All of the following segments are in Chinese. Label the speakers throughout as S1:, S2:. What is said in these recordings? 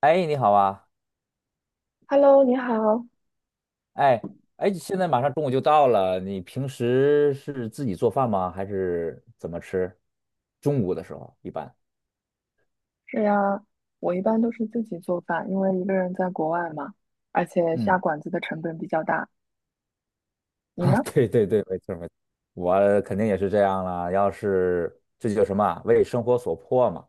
S1: 哎，你好啊！
S2: Hello，你好。
S1: 哎哎，现在马上中午就到了，你平时是自己做饭吗？还是怎么吃？中午的时候一般。
S2: 是呀，我一般都是自己做饭，因为一个人在国外嘛，而且下
S1: 嗯，
S2: 馆子的成本比较大。你
S1: 啊，
S2: 呢？
S1: 对对对，没错没错，我肯定也是这样了。要是这就叫什么啊为生活所迫嘛。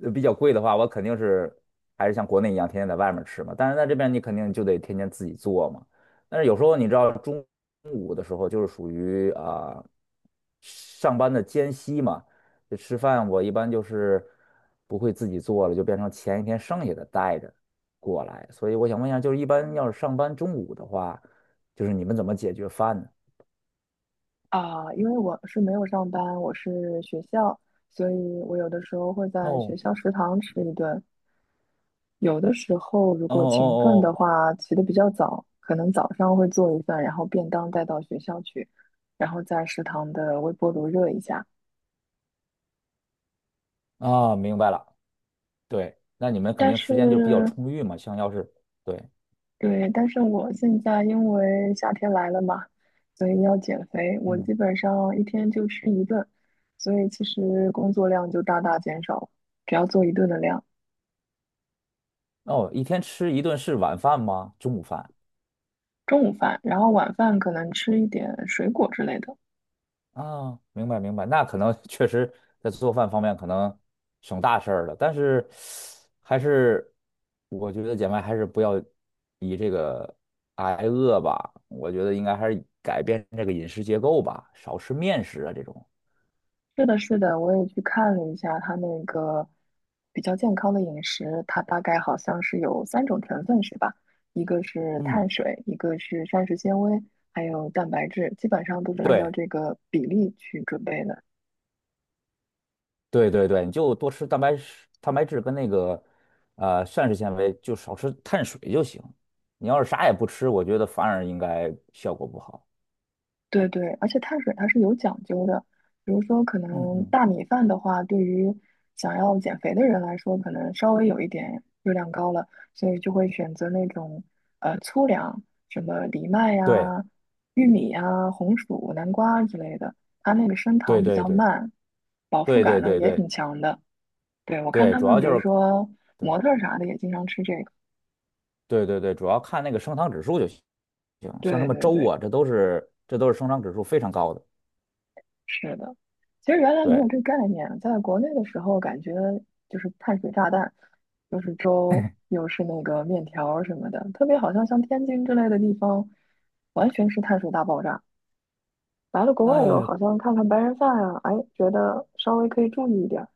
S1: 比较贵的话，我肯定是还是像国内一样天天在外面吃嘛。但是在这边你肯定就得天天自己做嘛。但是有时候你知道中午的时候就是属于啊、上班的间隙嘛，就吃饭我一般就是不会自己做了，就变成前一天剩下的带着过来。所以我想问一下，就是一般要是上班中午的话，就是你们怎么解决饭呢？
S2: 啊，因为我是没有上班，我是学校，所以我有的时候会
S1: 哦
S2: 在学校食堂吃一顿。有的时候如
S1: 哦
S2: 果勤奋的
S1: 哦
S2: 话，起得比较早，可能早上会做一份，然后便当带到学校去，然后在食堂的微波炉热一下。
S1: 哦啊，明白了。对，那你们肯
S2: 但
S1: 定
S2: 是
S1: 时间就比较充裕嘛，像要是。对。
S2: 对，但是我现在因为夏天来了嘛，所以要减肥，我基
S1: 嗯，
S2: 本上一天就吃一顿，所以其实工作量就大大减少，只要做一顿的量，
S1: 哦，一天吃一顿是晚饭吗？中午饭
S2: 中午饭，然后晚饭可能吃一点水果之类的。
S1: 啊，明白明白，那可能确实在做饭方面可能省大事儿了，但是还是我觉得姐妹还是不要以这个挨饿吧，我觉得应该还是改变这个饮食结构吧，少吃面食啊这种。
S2: 是的，是的，我也去看了一下它那个比较健康的饮食，它大概好像是有三种成分是吧？一个是
S1: 嗯，
S2: 碳水，一个是膳食纤维，还有蛋白质，基本上都是按照
S1: 对。
S2: 这个比例去准备的。
S1: 对对对，你就多吃蛋白质跟那个膳食纤维，就少吃碳水就行。你要是啥也不吃，我觉得反而应该效果不好。
S2: 对对，而且碳水它是有讲究的，比如说可
S1: 嗯
S2: 能
S1: 嗯，
S2: 大米饭的话，对于想要减肥的人来说，可能稍微有一点热量高了，所以就会选择那种粗粮，什么藜麦
S1: 对
S2: 呀、玉米呀、红薯、南瓜之类的，它那个升
S1: 对
S2: 糖比
S1: 对
S2: 较
S1: 对
S2: 慢，饱腹
S1: 对
S2: 感
S1: 对
S2: 呢
S1: 对
S2: 也挺
S1: 对
S2: 强的。对，我看
S1: 对，
S2: 他
S1: 主
S2: 们，
S1: 要
S2: 比
S1: 就
S2: 如
S1: 是
S2: 说
S1: 对
S2: 模特儿啥的也经常吃这个。
S1: 对对对，主要看那个升糖指数就行。像什
S2: 对
S1: 么
S2: 对
S1: 粥
S2: 对。
S1: 啊，这都是升糖指数非常高的。
S2: 是的，其实原来没有
S1: 对，
S2: 这概念，在国内的时候感觉就是碳水炸弹，又是粥，又是那个面条儿什么的，特别好像像天津之类的地方，完全是碳水大爆炸。来了国外以后，
S1: 哎，
S2: 好像看看白人饭啊，哎，觉得稍微可以注意一点儿。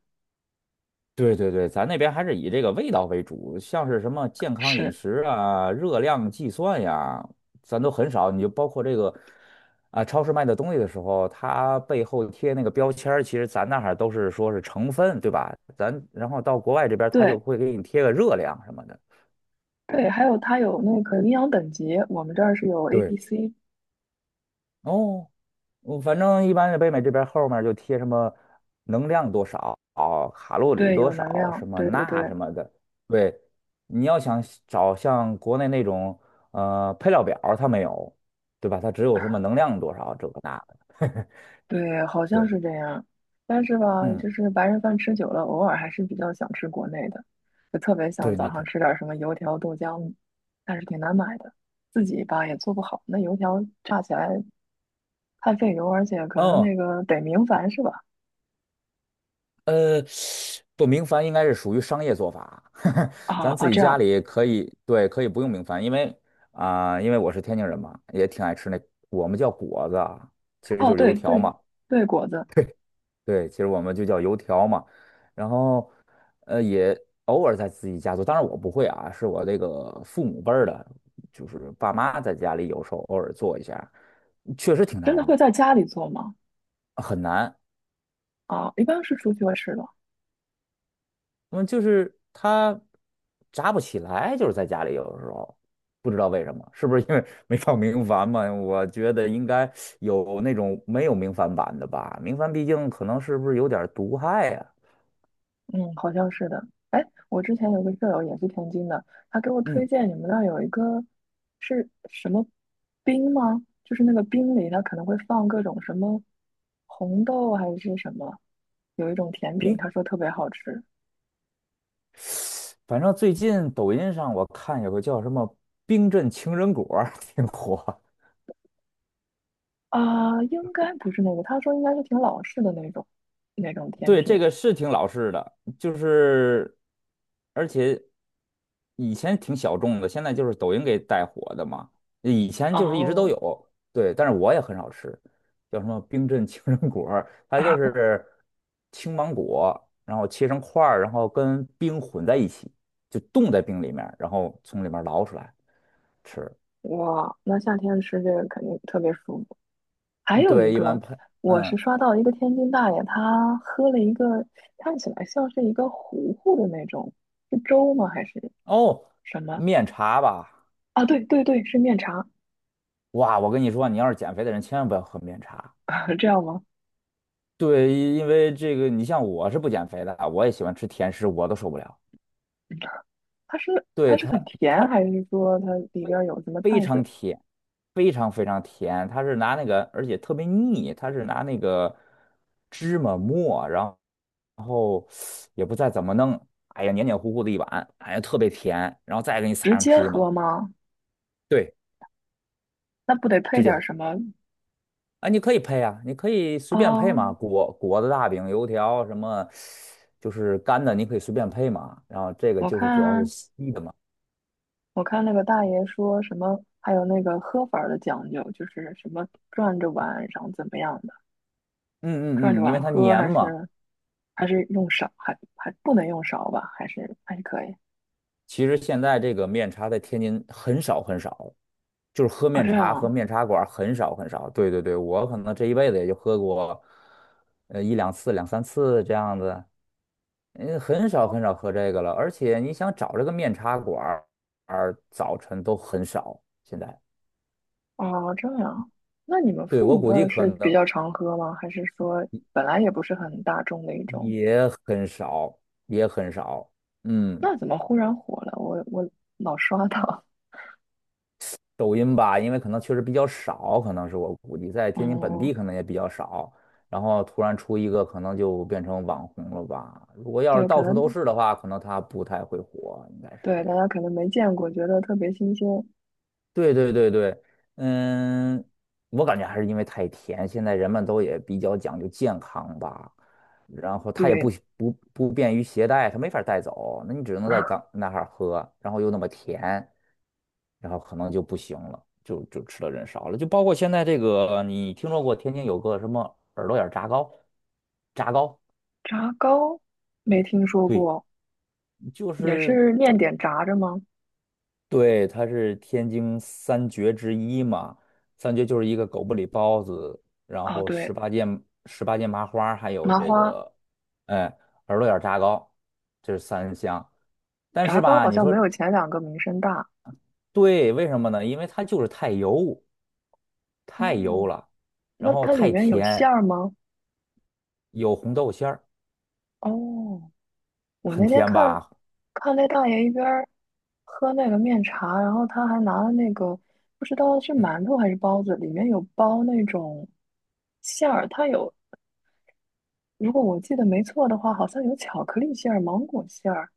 S1: 对对对，咱那边还是以这个味道为主，像是什么健康饮
S2: 是，
S1: 食啊、热量计算呀，咱都很少。你就包括这个啊，超市卖的东西的时候，它背后贴那个标签儿其实咱那儿都是说是成分，对吧？咱然后到国外这边儿，它就
S2: 对
S1: 会给你贴个热量什么的。
S2: 对，还有它有那个营养等级，我们这儿是有 A、
S1: 对，
S2: B、C，
S1: 哦，我反正一般是北美这边后面就贴什么能量多少、卡路里
S2: 对，
S1: 多
S2: 有能
S1: 少、
S2: 量，
S1: 什么
S2: 对对
S1: 钠
S2: 对，
S1: 什么的。对，你要想找像国内那种配料表儿它没有，对吧？它只有什么能量多少这个那个。
S2: 对，好 像
S1: 对，
S2: 是这样。但是吧，
S1: 嗯，
S2: 就是白人饭吃久了，偶尔还是比较想吃国内的，就特别想
S1: 对，
S2: 早上吃点什么油条、豆浆，但是挺难买的，自己吧也做不好。那油条炸起来太费油，而且可能
S1: 嗯，
S2: 那个得明矾是吧？
S1: 呃，不，明矾应该是属于商业做法，
S2: 啊
S1: 咱自
S2: 啊，
S1: 己
S2: 这
S1: 家
S2: 样。
S1: 里可以，对，可以不用明矾，因为我是天津人嘛，也挺爱吃那，我们叫果子啊其实
S2: 哦，
S1: 就是
S2: 对
S1: 油条
S2: 对
S1: 嘛。
S2: 对，果子
S1: 对，其实我们就叫油条嘛，然后也偶尔在自己家做，当然我不会啊，是我这个父母辈儿的，就是爸妈在家里有时候偶尔做一下，确实挺
S2: 真的
S1: 难
S2: 会
S1: 的，
S2: 在家里做吗？
S1: 很难。
S2: 啊，一般是出去会吃的。
S1: 嗯，就是它炸不起来，就是在家里有的时候不知道为什么，是不是因为 没放明矾嘛？我觉得应该有那种没有明矾版的吧，明矾毕竟可能是不是有点儿毒害呀、
S2: 嗯，好像是的。哎，我之前有个舍友也是天津的，他给我推
S1: 嗯，
S2: 荐你们那儿有一个是什么冰吗？就是那个冰里它可能会放各种什么红豆还是什么，有一种甜品，
S1: 冰。
S2: 他说特别好吃
S1: 反正最近抖音上我看有个叫什么"冰镇情人果儿 挺火，
S2: 啊，应该不是那个，他说应该是挺老式的那种甜
S1: 对，这
S2: 品。
S1: 个是挺老式的，就是而且以前挺小众的，现在就是抖音给带火的嘛。以前就是一直都
S2: 哦，
S1: 有，对，但是我也很少吃，叫什么冰镇情人果儿它就 是青芒果，然后切成块儿，然后跟冰混在一起，就冻在冰里面儿然后从里面儿捞出来吃。
S2: 哇，那夏天吃这个肯定特别舒服。还
S1: 嗯
S2: 有一
S1: 对，一般
S2: 个，
S1: 配。
S2: 我是
S1: 嗯，
S2: 刷到一个天津大爷，他喝了一个看起来像是一个糊糊的那种，是粥吗还是
S1: 哦，
S2: 什么？
S1: 面茶吧，
S2: 啊，对对对，是面茶，
S1: 哇，我跟你说，你要是减肥的人，千万不要喝面茶。
S2: 这样吗？
S1: 对，因为这个，你像我是不减肥的，我也喜欢吃甜食，我都受不了。
S2: 嗯它是它
S1: 对，
S2: 是
S1: 它，
S2: 很甜，
S1: 它
S2: 还是说它里边
S1: 非
S2: 儿有什么
S1: 非
S2: 碳水？
S1: 常甜，非常非常甜，它是拿那个，而且特别腻，它是拿那个芝麻末，然后也不再怎么弄，哎呀，黏黏糊糊的一碗，哎呀，特别甜，然后再给你撒
S2: 直
S1: 上
S2: 接
S1: 芝麻，
S2: 喝吗？
S1: 对，
S2: 那不得配
S1: 直接
S2: 点儿
S1: 喝。
S2: 什么
S1: 啊，你可以配啊，你可以随便
S2: 啊？
S1: 配嘛，果子、大饼、油条什么，就是干的，你可以随便配嘛。然后这个
S2: 我
S1: 就是主要是
S2: 看
S1: 稀的嘛，
S2: 我看那个大爷说什么，还有那个喝法儿的讲究，就是什么转着碗，然后怎么样的。
S1: 嗯
S2: 转着
S1: 嗯嗯，因
S2: 碗
S1: 为它
S2: 喝
S1: 黏
S2: 还
S1: 嘛。
S2: 是还是用勺？还不能用勺吧？还是可以
S1: 其实现在这个面茶在天津很少很少，就是喝
S2: 啊？
S1: 面
S2: 这样
S1: 茶和
S2: 啊
S1: 面茶馆儿很少很少。对对对，我可能这一辈子也就喝过，一两次、两三次这样子，嗯，很少很少喝这个了。而且你想找这个面茶馆儿，早晨都很少现在。
S2: 哦，这样。那你们
S1: 对，
S2: 父
S1: 我
S2: 母辈
S1: 估计
S2: 儿
S1: 可
S2: 是比
S1: 能
S2: 较常喝吗？还是说本来也不是很大众的一种？
S1: 也很少，也很少。嗯，
S2: 那怎么忽然火了？我老刷到。
S1: 抖音吧，因为可能确实比较少，可能是我估计在 天津本
S2: 哦，
S1: 地可能也比较少。然后突然出一个，可能就变成网红了吧。如果要是
S2: 对，可
S1: 到处都
S2: 能
S1: 是的话，可能他不太会火，应该是这
S2: 对大
S1: 样。
S2: 家可能没见过，觉得特别新鲜。
S1: 对对对对，嗯，我感觉还是因为太甜，现在人们都也比较讲究健康吧，然后它也不
S2: 对，
S1: 不不便于携带，它没法带走，那你只能在 当那哈儿喝，然后又那么甜，然后可能就不行了，就吃的人少了，就包括现在这个，你听说过天津有个什么耳朵眼儿炸糕？炸糕，
S2: 炸糕没听说
S1: 对，
S2: 过，
S1: 就
S2: 也
S1: 是。
S2: 是面点炸着吗？
S1: 对，它是天津三绝之一嘛，三绝就是一个狗不理包子，然
S2: 啊，
S1: 后
S2: 对，
S1: 十八件麻花儿还有
S2: 麻
S1: 这
S2: 花
S1: 个，哎，耳朵眼儿炸糕，这是三香。但
S2: 炸
S1: 是
S2: 糕
S1: 吧，
S2: 好
S1: 你
S2: 像
S1: 说
S2: 没有前两个名声大。
S1: 对，为什么呢？因为它就是太油，太油
S2: 哦，
S1: 了，然
S2: 那
S1: 后
S2: 它里
S1: 太
S2: 面有馅
S1: 甜，
S2: 儿吗？
S1: 有红豆馅儿，
S2: 哦，我
S1: 很
S2: 那天
S1: 甜
S2: 看
S1: 吧？
S2: 看那大爷一边儿喝那个面茶，然后他还拿了那个不知道是
S1: 嗯，
S2: 馒头还是包子，里面有包那种馅儿，它有，如果我记得没错的话，好像有巧克力馅儿、芒果馅儿，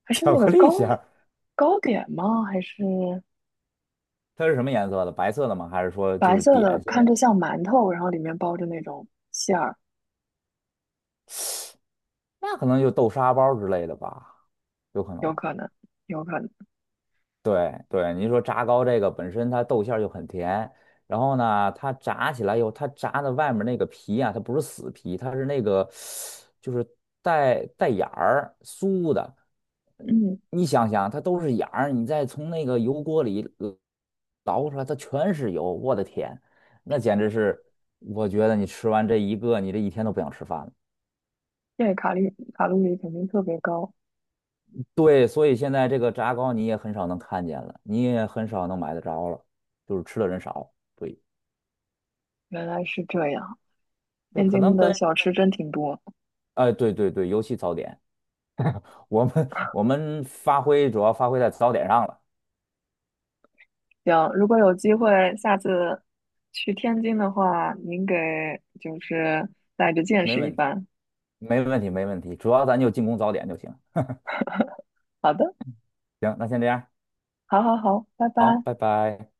S2: 还是
S1: 巧
S2: 那个
S1: 克力
S2: 糕
S1: 馅儿，
S2: 糕点吗？还是
S1: 它是什么颜色的？白色的吗？还是说就
S2: 白
S1: 是
S2: 色
S1: 点
S2: 的，
S1: 心
S2: 看
S1: 类？
S2: 着像馒头，然后里面包着那种馅儿，
S1: 那可能就豆沙包之类的吧，有可能
S2: 有
S1: 吧。
S2: 可能，有可能，
S1: 对对，您说炸糕这个本身它豆馅儿就很甜，然后呢，它炸起来以后，它炸的外面那个皮啊，它不是死皮，它是那个就是带眼儿酥的。嗯
S2: 嗯，
S1: 你想想，它都是眼儿，你再从那个油锅里捞出来，它全是油，我的天，那简直是，我觉得你吃完这一个，你这一天都不想吃饭了。
S2: 对，卡路里肯定特别高。
S1: 对，所以现在这个炸糕你也很少能看见了，你也很少能买得着了，就是吃的人少。对。
S2: 原来是这样，
S1: 对，
S2: 天
S1: 可能
S2: 津的
S1: 跟
S2: 小吃真挺多。
S1: 哎，对对对，尤其早点，我们主要发挥在早点上了，
S2: 行，如果有机会下次去天津的话，您给就是带着见
S1: 没
S2: 识一
S1: 问题，
S2: 番。
S1: 没问题，没问题，主要咱就进攻早点就行。
S2: 好的，
S1: 行，那先这样，
S2: 好好好，拜
S1: 好，
S2: 拜。
S1: 拜拜。